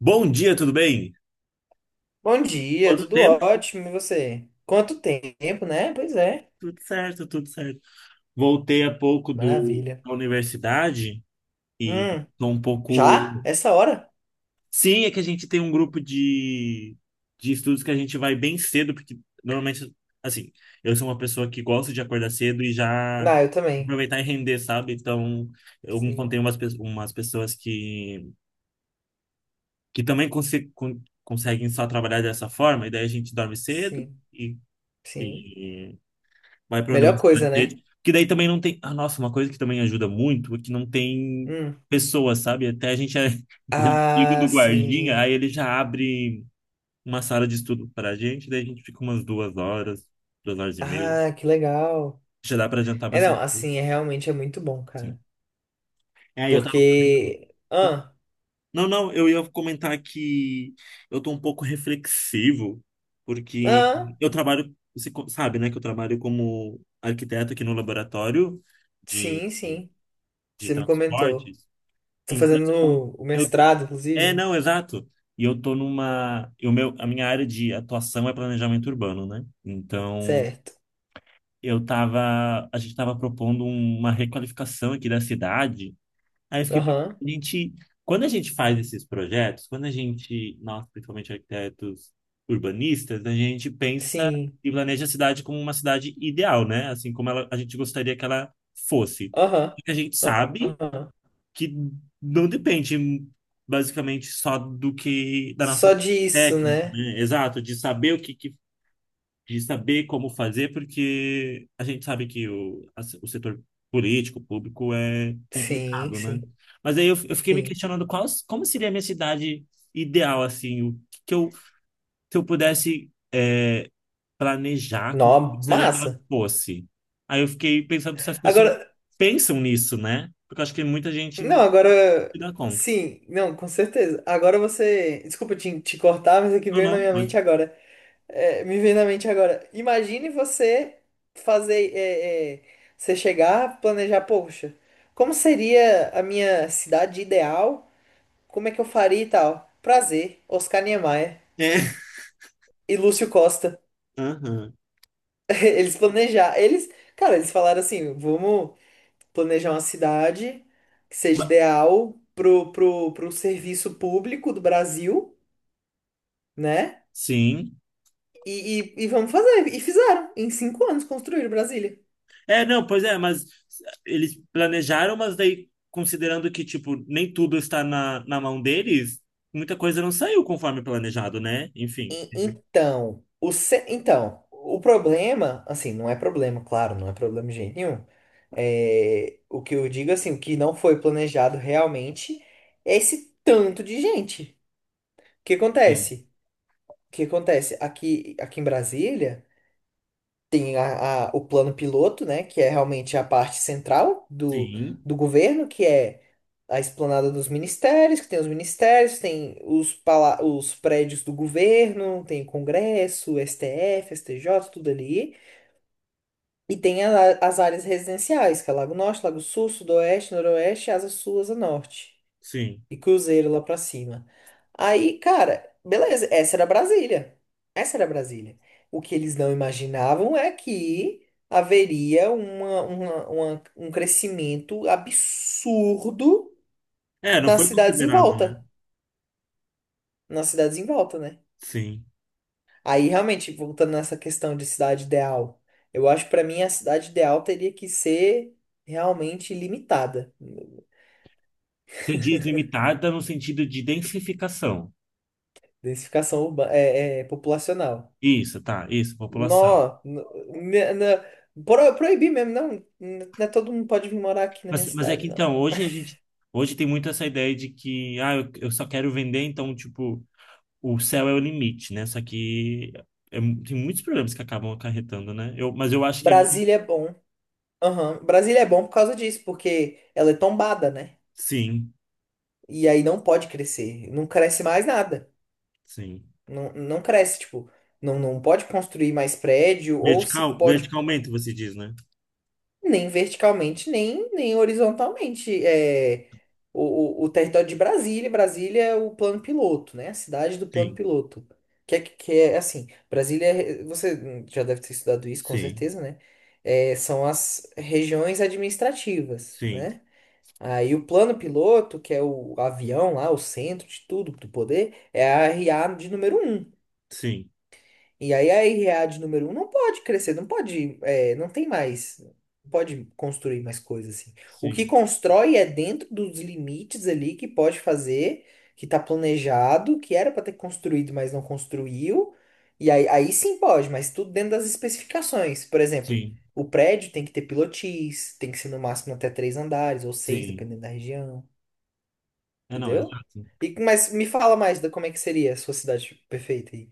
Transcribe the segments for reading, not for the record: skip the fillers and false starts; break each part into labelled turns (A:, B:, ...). A: Bom dia, tudo bem?
B: Bom dia,
A: Quanto
B: tudo
A: tempo?
B: ótimo, e você? Quanto tempo, né? Pois é,
A: Tudo certo, tudo certo. Voltei há pouco
B: maravilha.
A: da universidade e
B: Hum,
A: tô um
B: já?
A: pouco.
B: Essa hora?
A: Sim, é que a gente tem um grupo de estudos que a gente vai bem cedo, porque normalmente, assim, eu sou uma pessoa que gosta de acordar cedo e já
B: Ah, eu também.
A: aproveitar e render, sabe? Então, eu
B: Sim,
A: encontrei umas pessoas que também conseguem só trabalhar dessa forma, e daí a gente dorme cedo
B: sim, sim.
A: e. Vai para a
B: Melhor coisa,
A: universidade
B: né?
A: dele. Porque daí também não tem. Ah, nossa, uma coisa que também ajuda muito é que não tem
B: Hum.
A: pessoas, sabe? Até a gente já é amigo
B: Ah,
A: do guardinha, aí
B: sim.
A: ele já abre uma sala de estudo para a gente, daí a gente fica umas 2 horas, 2 horas e meia.
B: Ah, que legal.
A: Já dá para adiantar
B: É, não,
A: bastante coisa.
B: assim, é realmente é muito bom,
A: Sim.
B: cara.
A: É, eu tava.
B: Porque... Ah,
A: Não, não, eu ia comentar que eu tô um pouco reflexivo, porque
B: ah,
A: eu trabalho, você sabe, né, que eu trabalho como arquiteto aqui no laboratório de
B: sim, sim.
A: de
B: Você me comentou.
A: transportes.
B: Tô
A: Então,
B: fazendo o
A: eu
B: mestrado,
A: é,
B: inclusive.
A: não, exato. E eu tô a minha área de atuação é planejamento urbano, né? Então,
B: Certo.
A: a gente tava propondo uma requalificação aqui da cidade. Aí eu fiquei pensando,
B: Aham,
A: quando a gente faz esses projetos, nós, principalmente arquitetos urbanistas, a gente pensa
B: sim.
A: e planeja a cidade como uma cidade ideal, né? Assim como a gente gostaria que ela fosse.
B: Aham.
A: Porque a gente sabe
B: Aham.
A: que não depende basicamente só do que da nossa
B: Só
A: parte
B: disso,
A: técnica,
B: né?
A: né? Exato, de saber o que, que- de saber como fazer, porque a gente sabe que o setor político, público é
B: Sim,
A: complicado, né?
B: sim,
A: Mas aí eu fiquei me
B: sim.
A: questionando como seria a minha cidade ideal, assim, o que, que eu, se eu pudesse planejar, como
B: Nó,
A: eu gostaria que ela
B: massa.
A: fosse. Aí eu fiquei pensando se as pessoas
B: Agora,
A: pensam nisso, né? Porque eu acho que muita gente não
B: não, agora,
A: se dá conta.
B: sim, não, com certeza. Agora você, desculpa te cortar, mas é que
A: Não,
B: veio na
A: não.
B: minha mente agora. É, me veio na mente agora. Imagine você fazer, você chegar, planejar, poxa, como seria a minha cidade ideal? Como é que eu faria e tal? Prazer, Oscar Niemeyer
A: É.
B: e Lúcio Costa.
A: Aham.
B: Eles planejar, eles, cara, eles falaram assim, vamos planejar uma cidade que seja
A: Ma-
B: ideal pro, serviço público do Brasil, né?
A: Sim.
B: E vamos fazer. E fizeram. Em 5 anos construíram Brasília.
A: É, não, pois é, mas eles planejaram, mas daí, considerando que, tipo, nem tudo está na mão deles, muita coisa não saiu conforme planejado, né? Enfim.
B: Então, o problema, assim, não é problema, claro, não é problema de jeito nenhum. É, o que eu digo, assim, o que não foi planejado realmente é esse tanto de gente. O que
A: Sim.
B: acontece? O que acontece? Aqui em Brasília. Tem o plano piloto, né, que é realmente a parte central do,
A: Sim.
B: do governo, que é a esplanada dos ministérios, que tem os ministérios, pala os prédios do governo, tem Congresso, STF, STJ, tudo ali. E tem as áreas residenciais, que é Lago Norte, Lago Sul, Sudoeste, Noroeste, Asa Sul, Asa Norte.
A: Sim.
B: E Cruzeiro lá pra cima. Aí, cara, beleza, essa era Brasília. Essa era Brasília. O que eles não imaginavam é que haveria um crescimento absurdo
A: É, não
B: nas
A: foi
B: cidades em
A: considerado, né?
B: volta. Nas cidades em volta, né?
A: Sim.
B: Aí, realmente, voltando nessa questão de cidade ideal, eu acho que pra mim a cidade ideal teria que ser realmente limitada.
A: Você diz limitada no sentido de densificação.
B: Densificação urbana, populacional.
A: Isso, tá, isso, população.
B: Nó, me- na- proibir mesmo, não. Não é todo mundo pode vir morar aqui na minha
A: Mas é que
B: cidade, não.
A: então, hoje a gente. Hoje tem muito essa ideia de que, ah, eu só quero vender, então, tipo, o céu é o limite, né? Só que tem muitos problemas que acabam acarretando, né? Mas eu acho que é.
B: Brasília é bom. Aham. Brasília é bom por causa disso, porque ela é tombada, né?
A: Sim,
B: E aí não pode crescer. Não cresce mais nada.
A: sim.
B: Não, não cresce, tipo, não, não pode construir mais prédio, ou se pode.
A: Verticalmente, você diz, né?
B: Nem verticalmente, nem horizontalmente. É, o território de Brasília, Brasília é o plano piloto, né? A cidade do plano
A: Sim,
B: piloto. Que é assim, Brasília, você já deve ter estudado isso, com
A: sim,
B: certeza, né? É, são as regiões administrativas,
A: sim,
B: né? Aí o plano piloto, que é o avião lá, o centro de tudo, do poder, é a RA de número um,
A: sim,
B: e aí a Irread número um não pode crescer, não pode, é, não tem mais, não pode construir mais coisas assim. O que
A: sim,
B: constrói é dentro dos limites ali que pode fazer, que tá planejado, que era para ter construído, mas não construiu. E aí, aí sim pode, mas tudo dentro das especificações. Por exemplo,
A: sim,
B: o prédio tem que ter pilotis, tem que ser no máximo até três andares ou seis,
A: sim.
B: dependendo da região,
A: É, não,
B: entendeu?
A: exato.
B: E, mas me fala mais da como é que seria a sua cidade perfeita aí.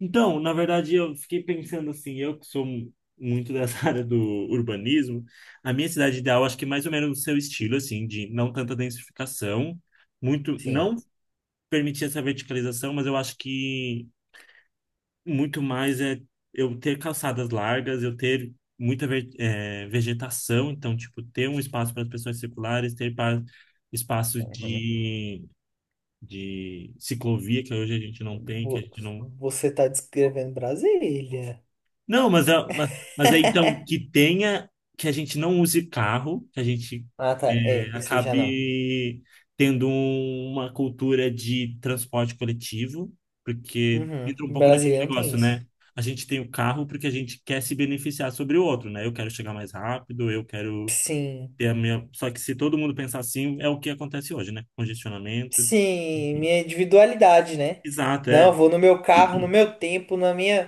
A: Então, na verdade, eu fiquei pensando assim, eu que sou muito dessa área do urbanismo, a minha cidade
B: Sim.
A: ideal, acho que é mais ou menos o seu estilo, assim, de não tanta densificação, muito, não
B: Sim.
A: permitir essa verticalização, mas eu acho que muito mais é eu ter calçadas largas, eu ter muita vegetação, então, tipo, ter um espaço para as pessoas circulares, ter espaço de ciclovia, que hoje a gente não tem, que a
B: Vo-
A: gente não.
B: Você tá descrevendo Brasília.
A: Não, mas é então que tenha, que a gente não use carro, que a gente
B: Ah, tá. É, isso aí já não.
A: acabe tendo uma cultura de transporte coletivo, porque
B: Uhum.
A: entra um pouco naquele
B: Brasília não tem
A: negócio,
B: isso.
A: né? A gente tem o carro porque a gente quer se beneficiar sobre o outro, né? Eu quero chegar mais rápido, eu quero
B: Sim.
A: ter a minha. Só que se todo mundo pensar assim, é o que acontece hoje, né? Congestionamento.
B: Sim,
A: enfim.
B: minha individualidade, né?
A: Exato,
B: Não, eu
A: é.
B: vou no meu carro, no meu tempo, na minha,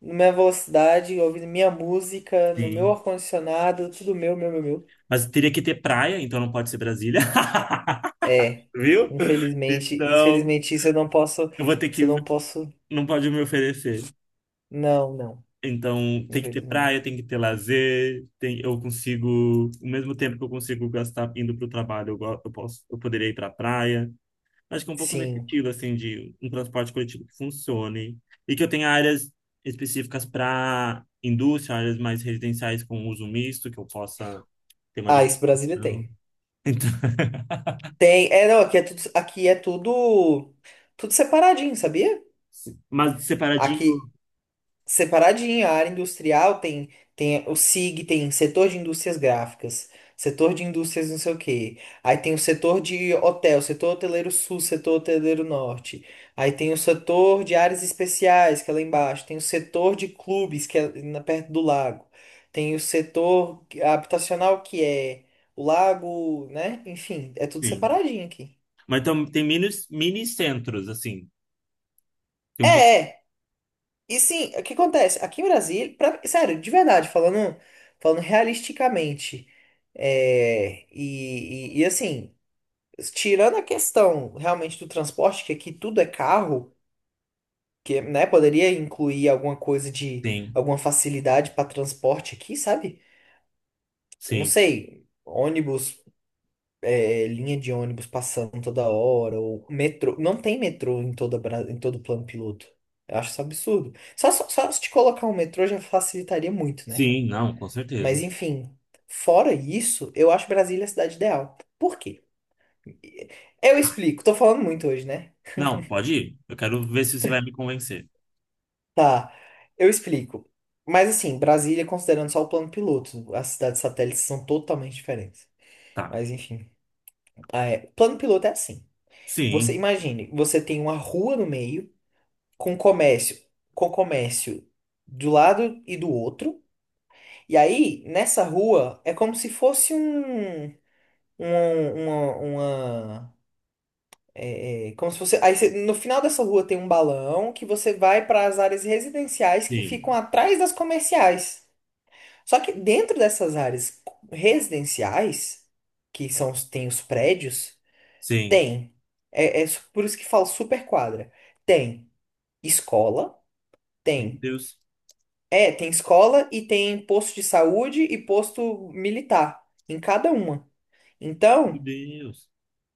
B: na minha velocidade, ouvindo minha música, no meu
A: Sim.
B: ar-condicionado, tudo meu, meu, meu, meu.
A: Mas teria que ter praia, então não pode ser Brasília.
B: É.
A: Viu?
B: Infelizmente,
A: Então,
B: infelizmente isso eu não posso,
A: eu vou ter que.
B: isso eu não posso.
A: Não pode me oferecer.
B: Não, não.
A: Então, tem que ter praia,
B: Infelizmente.
A: tem que ter lazer. Tem, eu consigo. O mesmo tempo que eu consigo gastar indo para o trabalho, eu, go- eu posso, eu poderia ir para a praia. Acho que é um pouco nesse
B: Sim.
A: estilo, assim, de um transporte coletivo que funcione. E que eu tenha áreas específicas para indústria, áreas mais residenciais com uso misto, que eu possa ter uma
B: Ah, isso Brasília
A: diversificação.
B: tem.
A: Então,
B: Tem, é, não, aqui é tudo, tudo separadinho, sabia?
A: mas
B: Aqui,
A: separadinho,
B: separadinho, a área industrial tem, o SIG, tem setor de indústrias gráficas, setor de indústrias não sei o quê. Aí tem o setor de hotel, setor hoteleiro sul, setor hoteleiro norte. Aí tem o setor de áreas especiais, que é lá embaixo. Tem o setor de clubes, que é perto do lago. Tem o setor habitacional, que é o lago, né? Enfim, é tudo
A: sim.
B: separadinho aqui.
A: Mas tem mini centros, assim. Tem pouco
B: É, é, E sim, o que acontece? Aqui em Brasília, sério, de verdade, falando realisticamente, assim, tirando a questão realmente do transporte, que aqui tudo é carro, que, né, poderia incluir
A: tem,
B: alguma facilidade para transporte aqui, sabe? Não
A: sim.
B: sei, ônibus, é, linha de ônibus passando toda hora, ou metrô, não tem metrô em todo o plano piloto. Eu acho isso absurdo. Só se te colocar um metrô já facilitaria muito, né?
A: Sim, não, com
B: Mas
A: certeza.
B: enfim, fora isso, eu acho Brasília a cidade ideal. Por quê? Eu explico, tô falando muito hoje, né?
A: Não, pode ir. Eu quero ver se você vai me convencer.
B: Tá, eu explico. Mas assim, Brasília, considerando só o plano piloto, as cidades satélites são totalmente diferentes.
A: Tá.
B: Mas enfim, ah, é. Plano piloto é assim. Você
A: Sim,
B: imagine, você tem uma rua no meio com comércio, com comércio do lado e do outro. E aí, nessa rua, é como se fosse um. É, é, como se você. No final dessa rua tem um balão que você vai para as áreas residenciais que
A: sim,
B: ficam atrás das comerciais. Só que dentro dessas áreas residenciais, tem os prédios,
A: sim.
B: tem. Por isso que falo super quadra. Tem escola,
A: Meu
B: tem.
A: Deus,
B: É, tem escola e tem posto de saúde e posto militar em cada uma.
A: meu
B: Então.
A: Deus.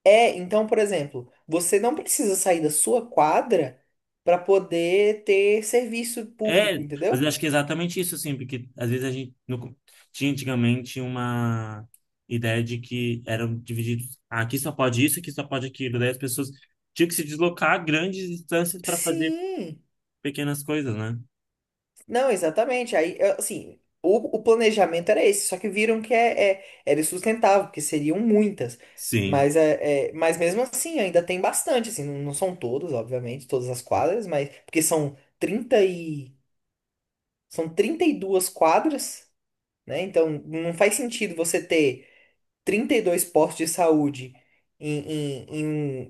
B: É, então, por exemplo, você não precisa sair da sua quadra para poder ter serviço
A: É,
B: público, entendeu?
A: mas eu acho que é exatamente isso, assim, porque às vezes a gente no co- tinha antigamente uma ideia de que eram divididos. Ah, aqui só pode isso, aqui só pode aquilo. Daí as pessoas tinham que se deslocar grandes distâncias para fazer
B: Sim,
A: pequenas coisas, né?
B: não, exatamente. Aí, é, assim, o planejamento era esse, só que viram que era insustentável, porque seriam muitas.
A: Sim,
B: Mas mesmo assim, ainda tem bastante, assim, não, não são todas, obviamente, todas as quadras, mas porque são 32 quadras, né? Então, não faz sentido você ter 32 postos de saúde em, em,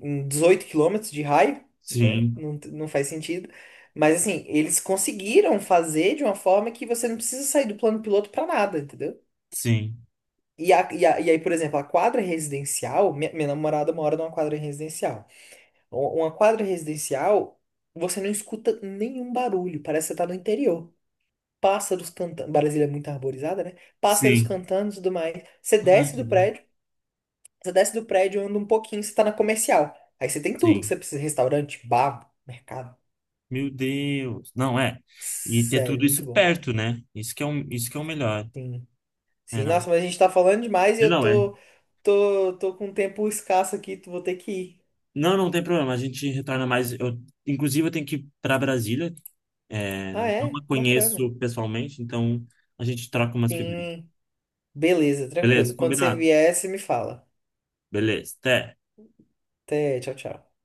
B: em, em 18 quilômetros de raio, né?
A: sim,
B: Não, não faz sentido. Mas assim, eles conseguiram fazer de uma forma que você não precisa sair do plano piloto para nada, entendeu?
A: sim.
B: E aí, por exemplo, a quadra residencial, minha namorada mora numa quadra residencial. Uma quadra residencial, você não escuta nenhum barulho, parece que você tá no interior. Pássaros cantando. Brasília é muito arborizada, né? Pássaros
A: Sim.
B: cantando e tudo mais. Você
A: Ah,
B: desce
A: que
B: do
A: bom.
B: prédio, você desce do prédio, anda um pouquinho, você tá na comercial. Aí você tem tudo que
A: Sim.
B: você precisa: restaurante, bar, mercado.
A: Meu Deus. Não, é. E ter
B: Sério,
A: tudo
B: muito
A: isso
B: bom.
A: perto, né? Isso que é o melhor.
B: Sim.
A: É,
B: Sim,
A: não.
B: nossa, mas a gente tá falando demais e
A: E
B: eu
A: não, é.
B: tô, com um tempo escasso aqui, tu vou ter que ir.
A: Não, não tem problema. A gente retorna mais. Inclusive, eu tenho que ir para Brasília. É,
B: Ah,
A: não
B: é?
A: a
B: Bacana.
A: conheço pessoalmente, então a gente troca umas figurinhas.
B: Sim. Beleza, tranquilo.
A: Beleza?
B: Quando você
A: Combinado?
B: vier, você me fala.
A: Beleza. Até.
B: Até, tchau, tchau.